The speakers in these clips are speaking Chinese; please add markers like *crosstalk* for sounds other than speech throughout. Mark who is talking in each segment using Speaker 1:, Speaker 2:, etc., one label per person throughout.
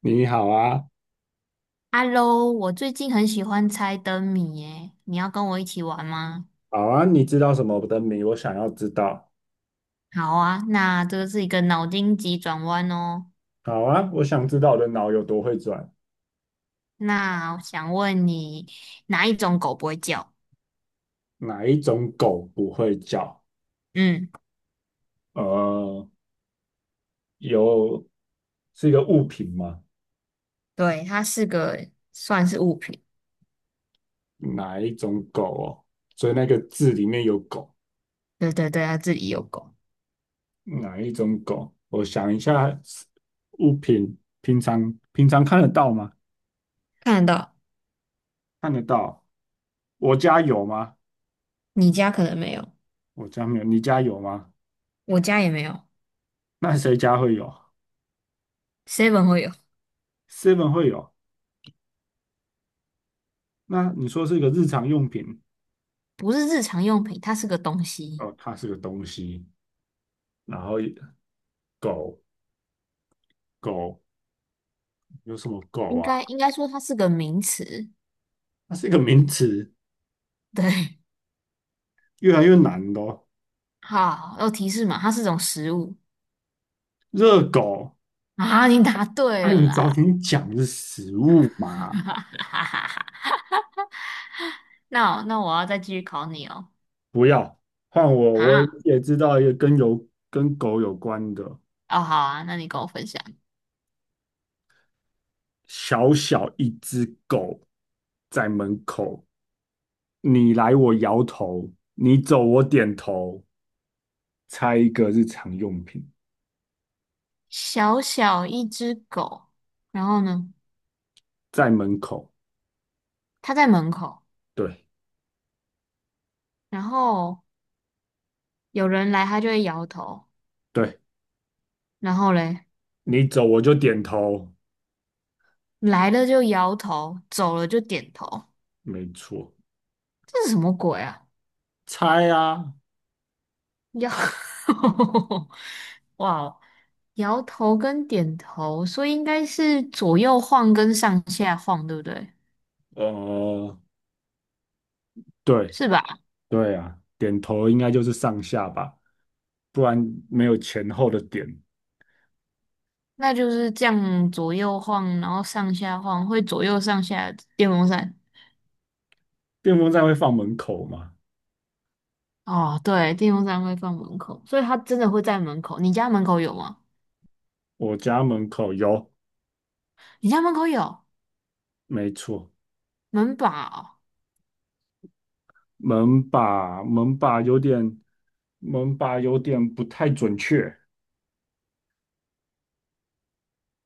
Speaker 1: 你好啊，
Speaker 2: Hello，我最近很喜欢猜灯谜耶，你要跟我一起玩吗？
Speaker 1: 好啊，你知道什么的谜？我想要知道。
Speaker 2: 好啊，那这个是一个脑筋急转弯哦。
Speaker 1: 好啊，我想知道我的脑有多会转。
Speaker 2: 那我想问你，哪一种狗不会叫？
Speaker 1: 哪一种狗不会叫？
Speaker 2: 嗯，
Speaker 1: 呃，有，是一个物品吗？
Speaker 2: 对，它是个算是物品。
Speaker 1: 哪一种狗哦？所以那个字里面有狗，
Speaker 2: 对对对，它自己有狗，
Speaker 1: 哪一种狗？我想一下，物品平常看得到吗？
Speaker 2: 看得到。
Speaker 1: 看得到。我家有吗？
Speaker 2: 你家可能没有，
Speaker 1: 我家没有，你家有吗？
Speaker 2: 我家也没有
Speaker 1: 那谁家会有
Speaker 2: ，Seven 会有，
Speaker 1: ？Seven 会有。那你说是一个日常用品，
Speaker 2: 不是日常用品，它是个东西。
Speaker 1: 哦，它是个东西，然后狗狗有什么狗
Speaker 2: 应
Speaker 1: 啊？
Speaker 2: 该应该说它是个名词。
Speaker 1: 它是一个名词，
Speaker 2: *laughs* 对，
Speaker 1: 越来越难的哦。
Speaker 2: 好，要提示嘛，它是种食物。
Speaker 1: 热狗，
Speaker 2: *laughs* 啊，你答对
Speaker 1: 啊，
Speaker 2: 了
Speaker 1: 你早
Speaker 2: 啦！
Speaker 1: 点讲是食物嘛，
Speaker 2: *laughs* 哈哈哈。那我要再继续考你哦。
Speaker 1: 不要换我，我
Speaker 2: 啊，
Speaker 1: 也知道一个跟有跟狗有关的，
Speaker 2: 哦，好啊，那你跟我分享。
Speaker 1: 小小一只狗在门口，你来我摇头，你走我点头，猜一个日常用品。
Speaker 2: 小小一只狗，然后呢，
Speaker 1: 在门口，
Speaker 2: 它在门口，
Speaker 1: 对。
Speaker 2: 然后有人来，它就会摇头，
Speaker 1: 对
Speaker 2: 然后嘞，
Speaker 1: 你走我就点头，
Speaker 2: 来了就摇头，走了就点头，
Speaker 1: 没错。
Speaker 2: 这是什么鬼啊？
Speaker 1: 猜啊，
Speaker 2: 摇，*laughs* 哇哦，摇头跟点头，所以应该是左右晃跟上下晃，对不对？
Speaker 1: 呃，对。
Speaker 2: 是吧？
Speaker 1: 对啊，点头应该就是上下吧，不然没有前后的点。
Speaker 2: 那就是这样左右晃，然后上下晃，会左右上下的电风扇。
Speaker 1: 电风扇会放门口吗？
Speaker 2: 哦，对，电风扇会放门口，所以它真的会在门口。你家门口有吗？
Speaker 1: 我家门口有，
Speaker 2: 你家门口有
Speaker 1: 没错。
Speaker 2: 门把哦，
Speaker 1: 门把有点，门把有点不太准确，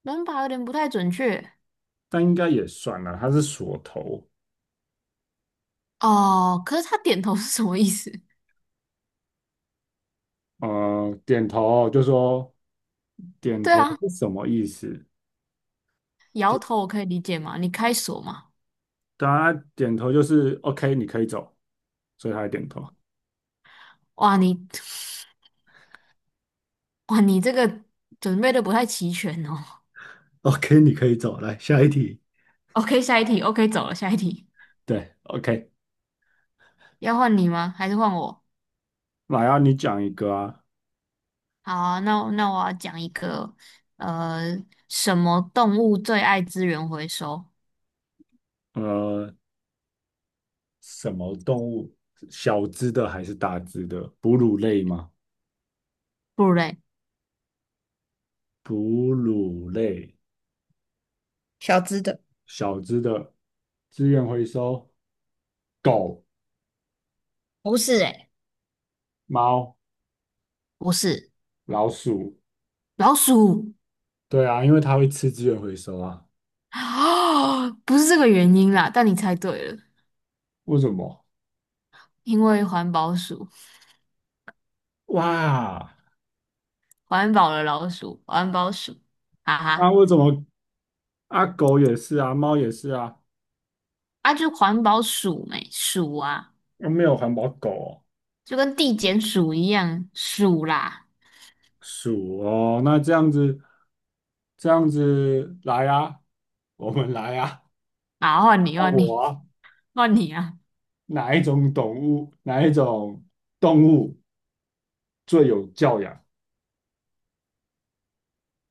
Speaker 2: 门把有点不太准确
Speaker 1: 但应该也算了，它是锁头。
Speaker 2: 哦。可是他点头是什么意思？
Speaker 1: 点头就说，
Speaker 2: *laughs*
Speaker 1: 点
Speaker 2: 对
Speaker 1: 头
Speaker 2: 啊，
Speaker 1: 是什么意思？
Speaker 2: 摇头我可以理解嘛，你开锁嘛。
Speaker 1: 对啊，他点头就是 OK，你可以走，所以他还点头。
Speaker 2: 哇，你 *laughs* 哇，你这个准备的不太齐全哦。
Speaker 1: OK，你可以走，来下一题。
Speaker 2: *laughs* OK，下一题，OK，走了，下一题，
Speaker 1: 对，OK。
Speaker 2: 要换你吗？还是换我？
Speaker 1: 来啊，你讲一个啊，
Speaker 2: 好啊，那我要讲一个，呃，什么动物最爱资源回收？
Speaker 1: 呃，什么动物？小只的还是大只的？哺乳类吗？
Speaker 2: 不乳类，
Speaker 1: 哺乳类，
Speaker 2: 小只的，
Speaker 1: 小只的，资源回收，狗、
Speaker 2: 不是诶，
Speaker 1: 猫、
Speaker 2: 不是，
Speaker 1: 老鼠。
Speaker 2: 老鼠。
Speaker 1: 对啊，因为它会吃资源回收啊。
Speaker 2: 啊，*gasps* 不是这个原因啦，但你猜对了，
Speaker 1: 为什么？
Speaker 2: 因为环保鼠，
Speaker 1: 哇，
Speaker 2: 环保的老鼠，环保鼠，哈
Speaker 1: 啊，
Speaker 2: 哈，
Speaker 1: 为什么？啊，狗也是啊，猫也是啊，
Speaker 2: 啊，就环保鼠没鼠啊，
Speaker 1: 又没有环保狗哦。
Speaker 2: 就跟地检鼠一样鼠啦，
Speaker 1: 鼠哦，那这样子，这样子来啊，我们来啊，
Speaker 2: 啊，换你
Speaker 1: 看
Speaker 2: 换
Speaker 1: 我
Speaker 2: 你。
Speaker 1: 啊，
Speaker 2: *laughs* 换你啊，
Speaker 1: 哪一种动物，哪一种动物最有教养？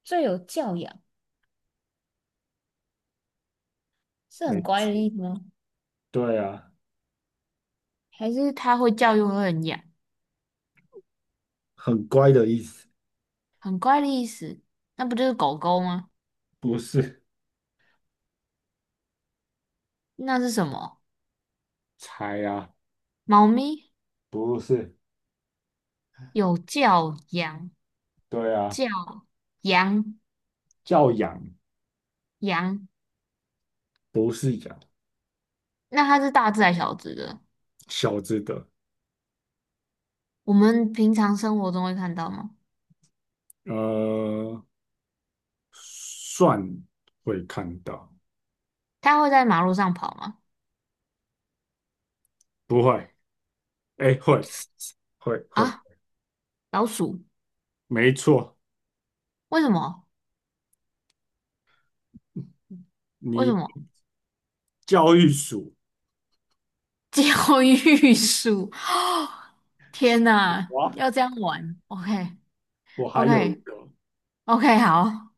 Speaker 2: 最有教养是很
Speaker 1: 没
Speaker 2: 乖的
Speaker 1: 错，
Speaker 2: 意思吗？
Speaker 1: 对啊，
Speaker 2: 还是它会叫又会很痒，
Speaker 1: 很乖的意思。
Speaker 2: 很乖的意思。那不就是狗狗吗？
Speaker 1: 不是，
Speaker 2: 那是什么？
Speaker 1: 猜啊，
Speaker 2: 猫咪，
Speaker 1: 不是，
Speaker 2: 有叫羊，
Speaker 1: 对啊，
Speaker 2: 叫羊
Speaker 1: 教养
Speaker 2: 羊。
Speaker 1: 不是养。
Speaker 2: 那它是大只还是小只的？
Speaker 1: 小只的，
Speaker 2: 我们平常生活中会看到吗？
Speaker 1: 呃，算会看到，
Speaker 2: 它会在马路上跑吗？
Speaker 1: 不会，哎，会会，
Speaker 2: 啊，老鼠？
Speaker 1: 没错，
Speaker 2: 为什么？为什么？
Speaker 1: 你。教育鼠。
Speaker 2: *laughs* 教育鼠？*gasps* 天哪，
Speaker 1: 哇，
Speaker 2: 要这样玩？OK，
Speaker 1: 我还有一
Speaker 2: OK，
Speaker 1: 个，
Speaker 2: OK，好，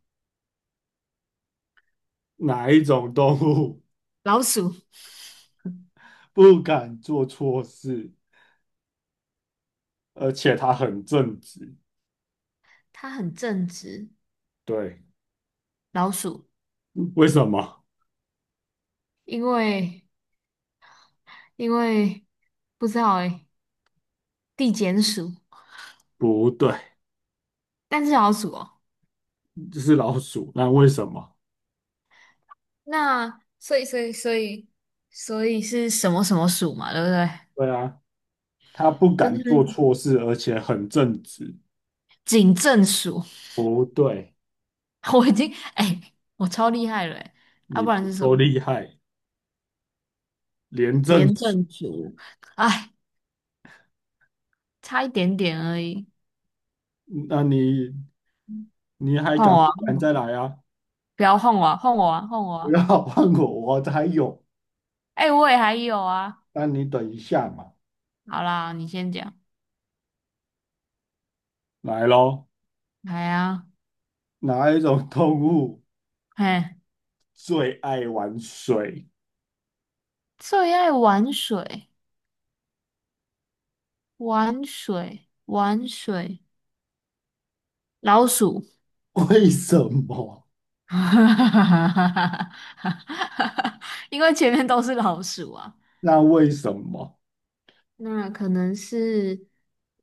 Speaker 1: 哪一种动物
Speaker 2: 老鼠，
Speaker 1: *laughs* 不敢做错事，而且它很正直？
Speaker 2: 它很正直，
Speaker 1: 对，
Speaker 2: 老鼠。
Speaker 1: 为什么？
Speaker 2: 因为因为不知道诶，地检署，
Speaker 1: 不对，
Speaker 2: 但是小署哦。
Speaker 1: 这是老鼠。那为什么？
Speaker 2: 那所以是什么什么署嘛，对不对？
Speaker 1: 对啊，它不
Speaker 2: 就
Speaker 1: 敢
Speaker 2: 是
Speaker 1: 做错事，而且很正直。
Speaker 2: 警政署，
Speaker 1: 不对，
Speaker 2: *laughs* 我已经哎、我超厉害了哎、
Speaker 1: 你
Speaker 2: 不然
Speaker 1: 不
Speaker 2: 是什么
Speaker 1: 够厉害，廉政
Speaker 2: 廉
Speaker 1: 署。
Speaker 2: 政署？哎，差一点点而已。
Speaker 1: 那你你还
Speaker 2: 换
Speaker 1: 敢
Speaker 2: 我
Speaker 1: 不
Speaker 2: 啊，
Speaker 1: 敢再来啊？
Speaker 2: 不要换我啊，换我啊，换我
Speaker 1: 不
Speaker 2: 啊！
Speaker 1: 要换我，我还有。
Speaker 2: 哎、我也还有啊。
Speaker 1: 那你等一下嘛，
Speaker 2: 好啦，你先讲。
Speaker 1: 来喽。
Speaker 2: 来啊，
Speaker 1: 哪一种动物
Speaker 2: 嘿，
Speaker 1: 最爱玩水？
Speaker 2: 最爱玩水。玩水，玩水，老鼠，
Speaker 1: *laughs* 为什么？
Speaker 2: *laughs* 因为前面都是老鼠啊。
Speaker 1: 那为什么？
Speaker 2: 那可能是，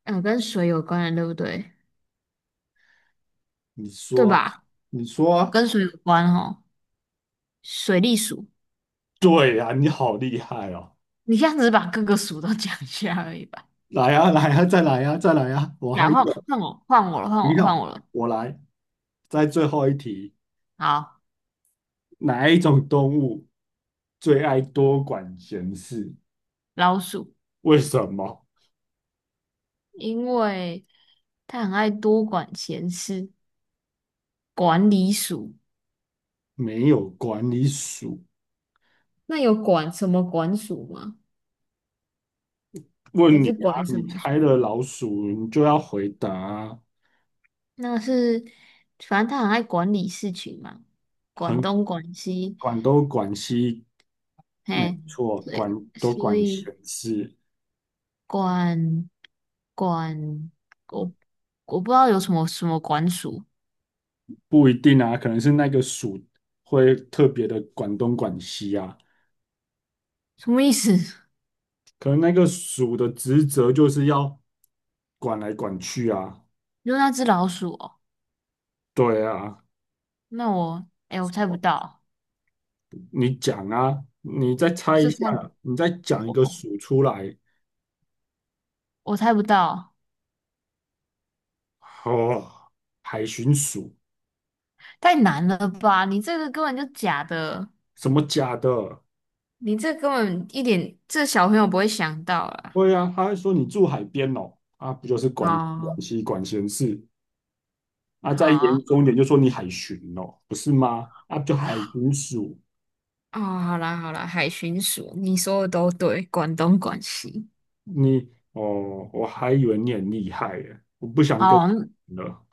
Speaker 2: 跟水有关的，对不对？
Speaker 1: 你
Speaker 2: 对
Speaker 1: 说啊。
Speaker 2: 吧？
Speaker 1: 你说啊。
Speaker 2: 跟水有关哦。水利鼠，
Speaker 1: 对呀、啊，你好厉害哦！
Speaker 2: 你这样子把各个鼠都讲一下而已吧。
Speaker 1: 来呀、啊来呀、啊再来呀、再来呀、我还
Speaker 2: 然
Speaker 1: 有，
Speaker 2: 后换我，换我了，换
Speaker 1: 不
Speaker 2: 我，换我
Speaker 1: 要，
Speaker 2: 了。
Speaker 1: 我来。在最后一题，
Speaker 2: 好，
Speaker 1: 哪一种动物最爱多管闲事？
Speaker 2: 老鼠，
Speaker 1: 为什么？
Speaker 2: 因为它很爱多管闲事，管理鼠。
Speaker 1: 没有管理鼠。
Speaker 2: 那有管什么管鼠吗？还
Speaker 1: 问你
Speaker 2: 是
Speaker 1: 啊，
Speaker 2: 管什
Speaker 1: 你
Speaker 2: 么
Speaker 1: 猜了
Speaker 2: 书？
Speaker 1: 老鼠，你就要回答啊。
Speaker 2: 那是，反正他很爱管理事情嘛，管
Speaker 1: 很
Speaker 2: 东管西，
Speaker 1: 管东管西，没
Speaker 2: 嘿，
Speaker 1: 错，管
Speaker 2: 对，
Speaker 1: 多
Speaker 2: 所
Speaker 1: 管
Speaker 2: 以
Speaker 1: 闲事。
Speaker 2: 管管我我不知道有什么什么管鼠，
Speaker 1: 不一定啊，可能是那个属会特别的管东管西啊，
Speaker 2: 什么意思？*laughs*
Speaker 1: 可能那个属的职责就是要管来管去啊。
Speaker 2: 就那只老鼠哦？
Speaker 1: 对啊，
Speaker 2: 那我哎、我猜不到，
Speaker 1: 你讲啊，你再猜一
Speaker 2: 这
Speaker 1: 下，
Speaker 2: 猜
Speaker 1: 你再讲一
Speaker 2: 我
Speaker 1: 个属出来，
Speaker 2: 我猜不到，
Speaker 1: 哦，海巡署。
Speaker 2: 太难了吧？你这个根本就假的，
Speaker 1: 什么假的？
Speaker 2: 你这根本一点这小朋友不会想到啦。
Speaker 1: 对啊，他还说你住海边哦，啊，不就是管
Speaker 2: 哦，
Speaker 1: 管西管闲事啊？
Speaker 2: 好
Speaker 1: 再严
Speaker 2: 啊。
Speaker 1: 重一点就说你海巡哦，不是吗？啊，不就海巡署。
Speaker 2: 哦，好啦好啦，海巡署，你说的都对，广东广西。
Speaker 1: 你哦，我还以为你很厉害耶，我不想跟
Speaker 2: 哦，
Speaker 1: 你了。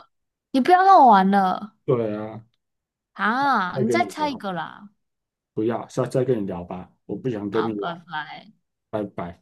Speaker 2: 你不要让我玩了
Speaker 1: 对啊，
Speaker 2: 啊！
Speaker 1: 再
Speaker 2: 你
Speaker 1: 跟
Speaker 2: 再
Speaker 1: 你
Speaker 2: 猜一
Speaker 1: 聊，
Speaker 2: 个啦！
Speaker 1: 不要，下次再跟你聊吧，我不想跟
Speaker 2: 啊，
Speaker 1: 你
Speaker 2: 拜
Speaker 1: 玩，
Speaker 2: 拜。
Speaker 1: 拜拜。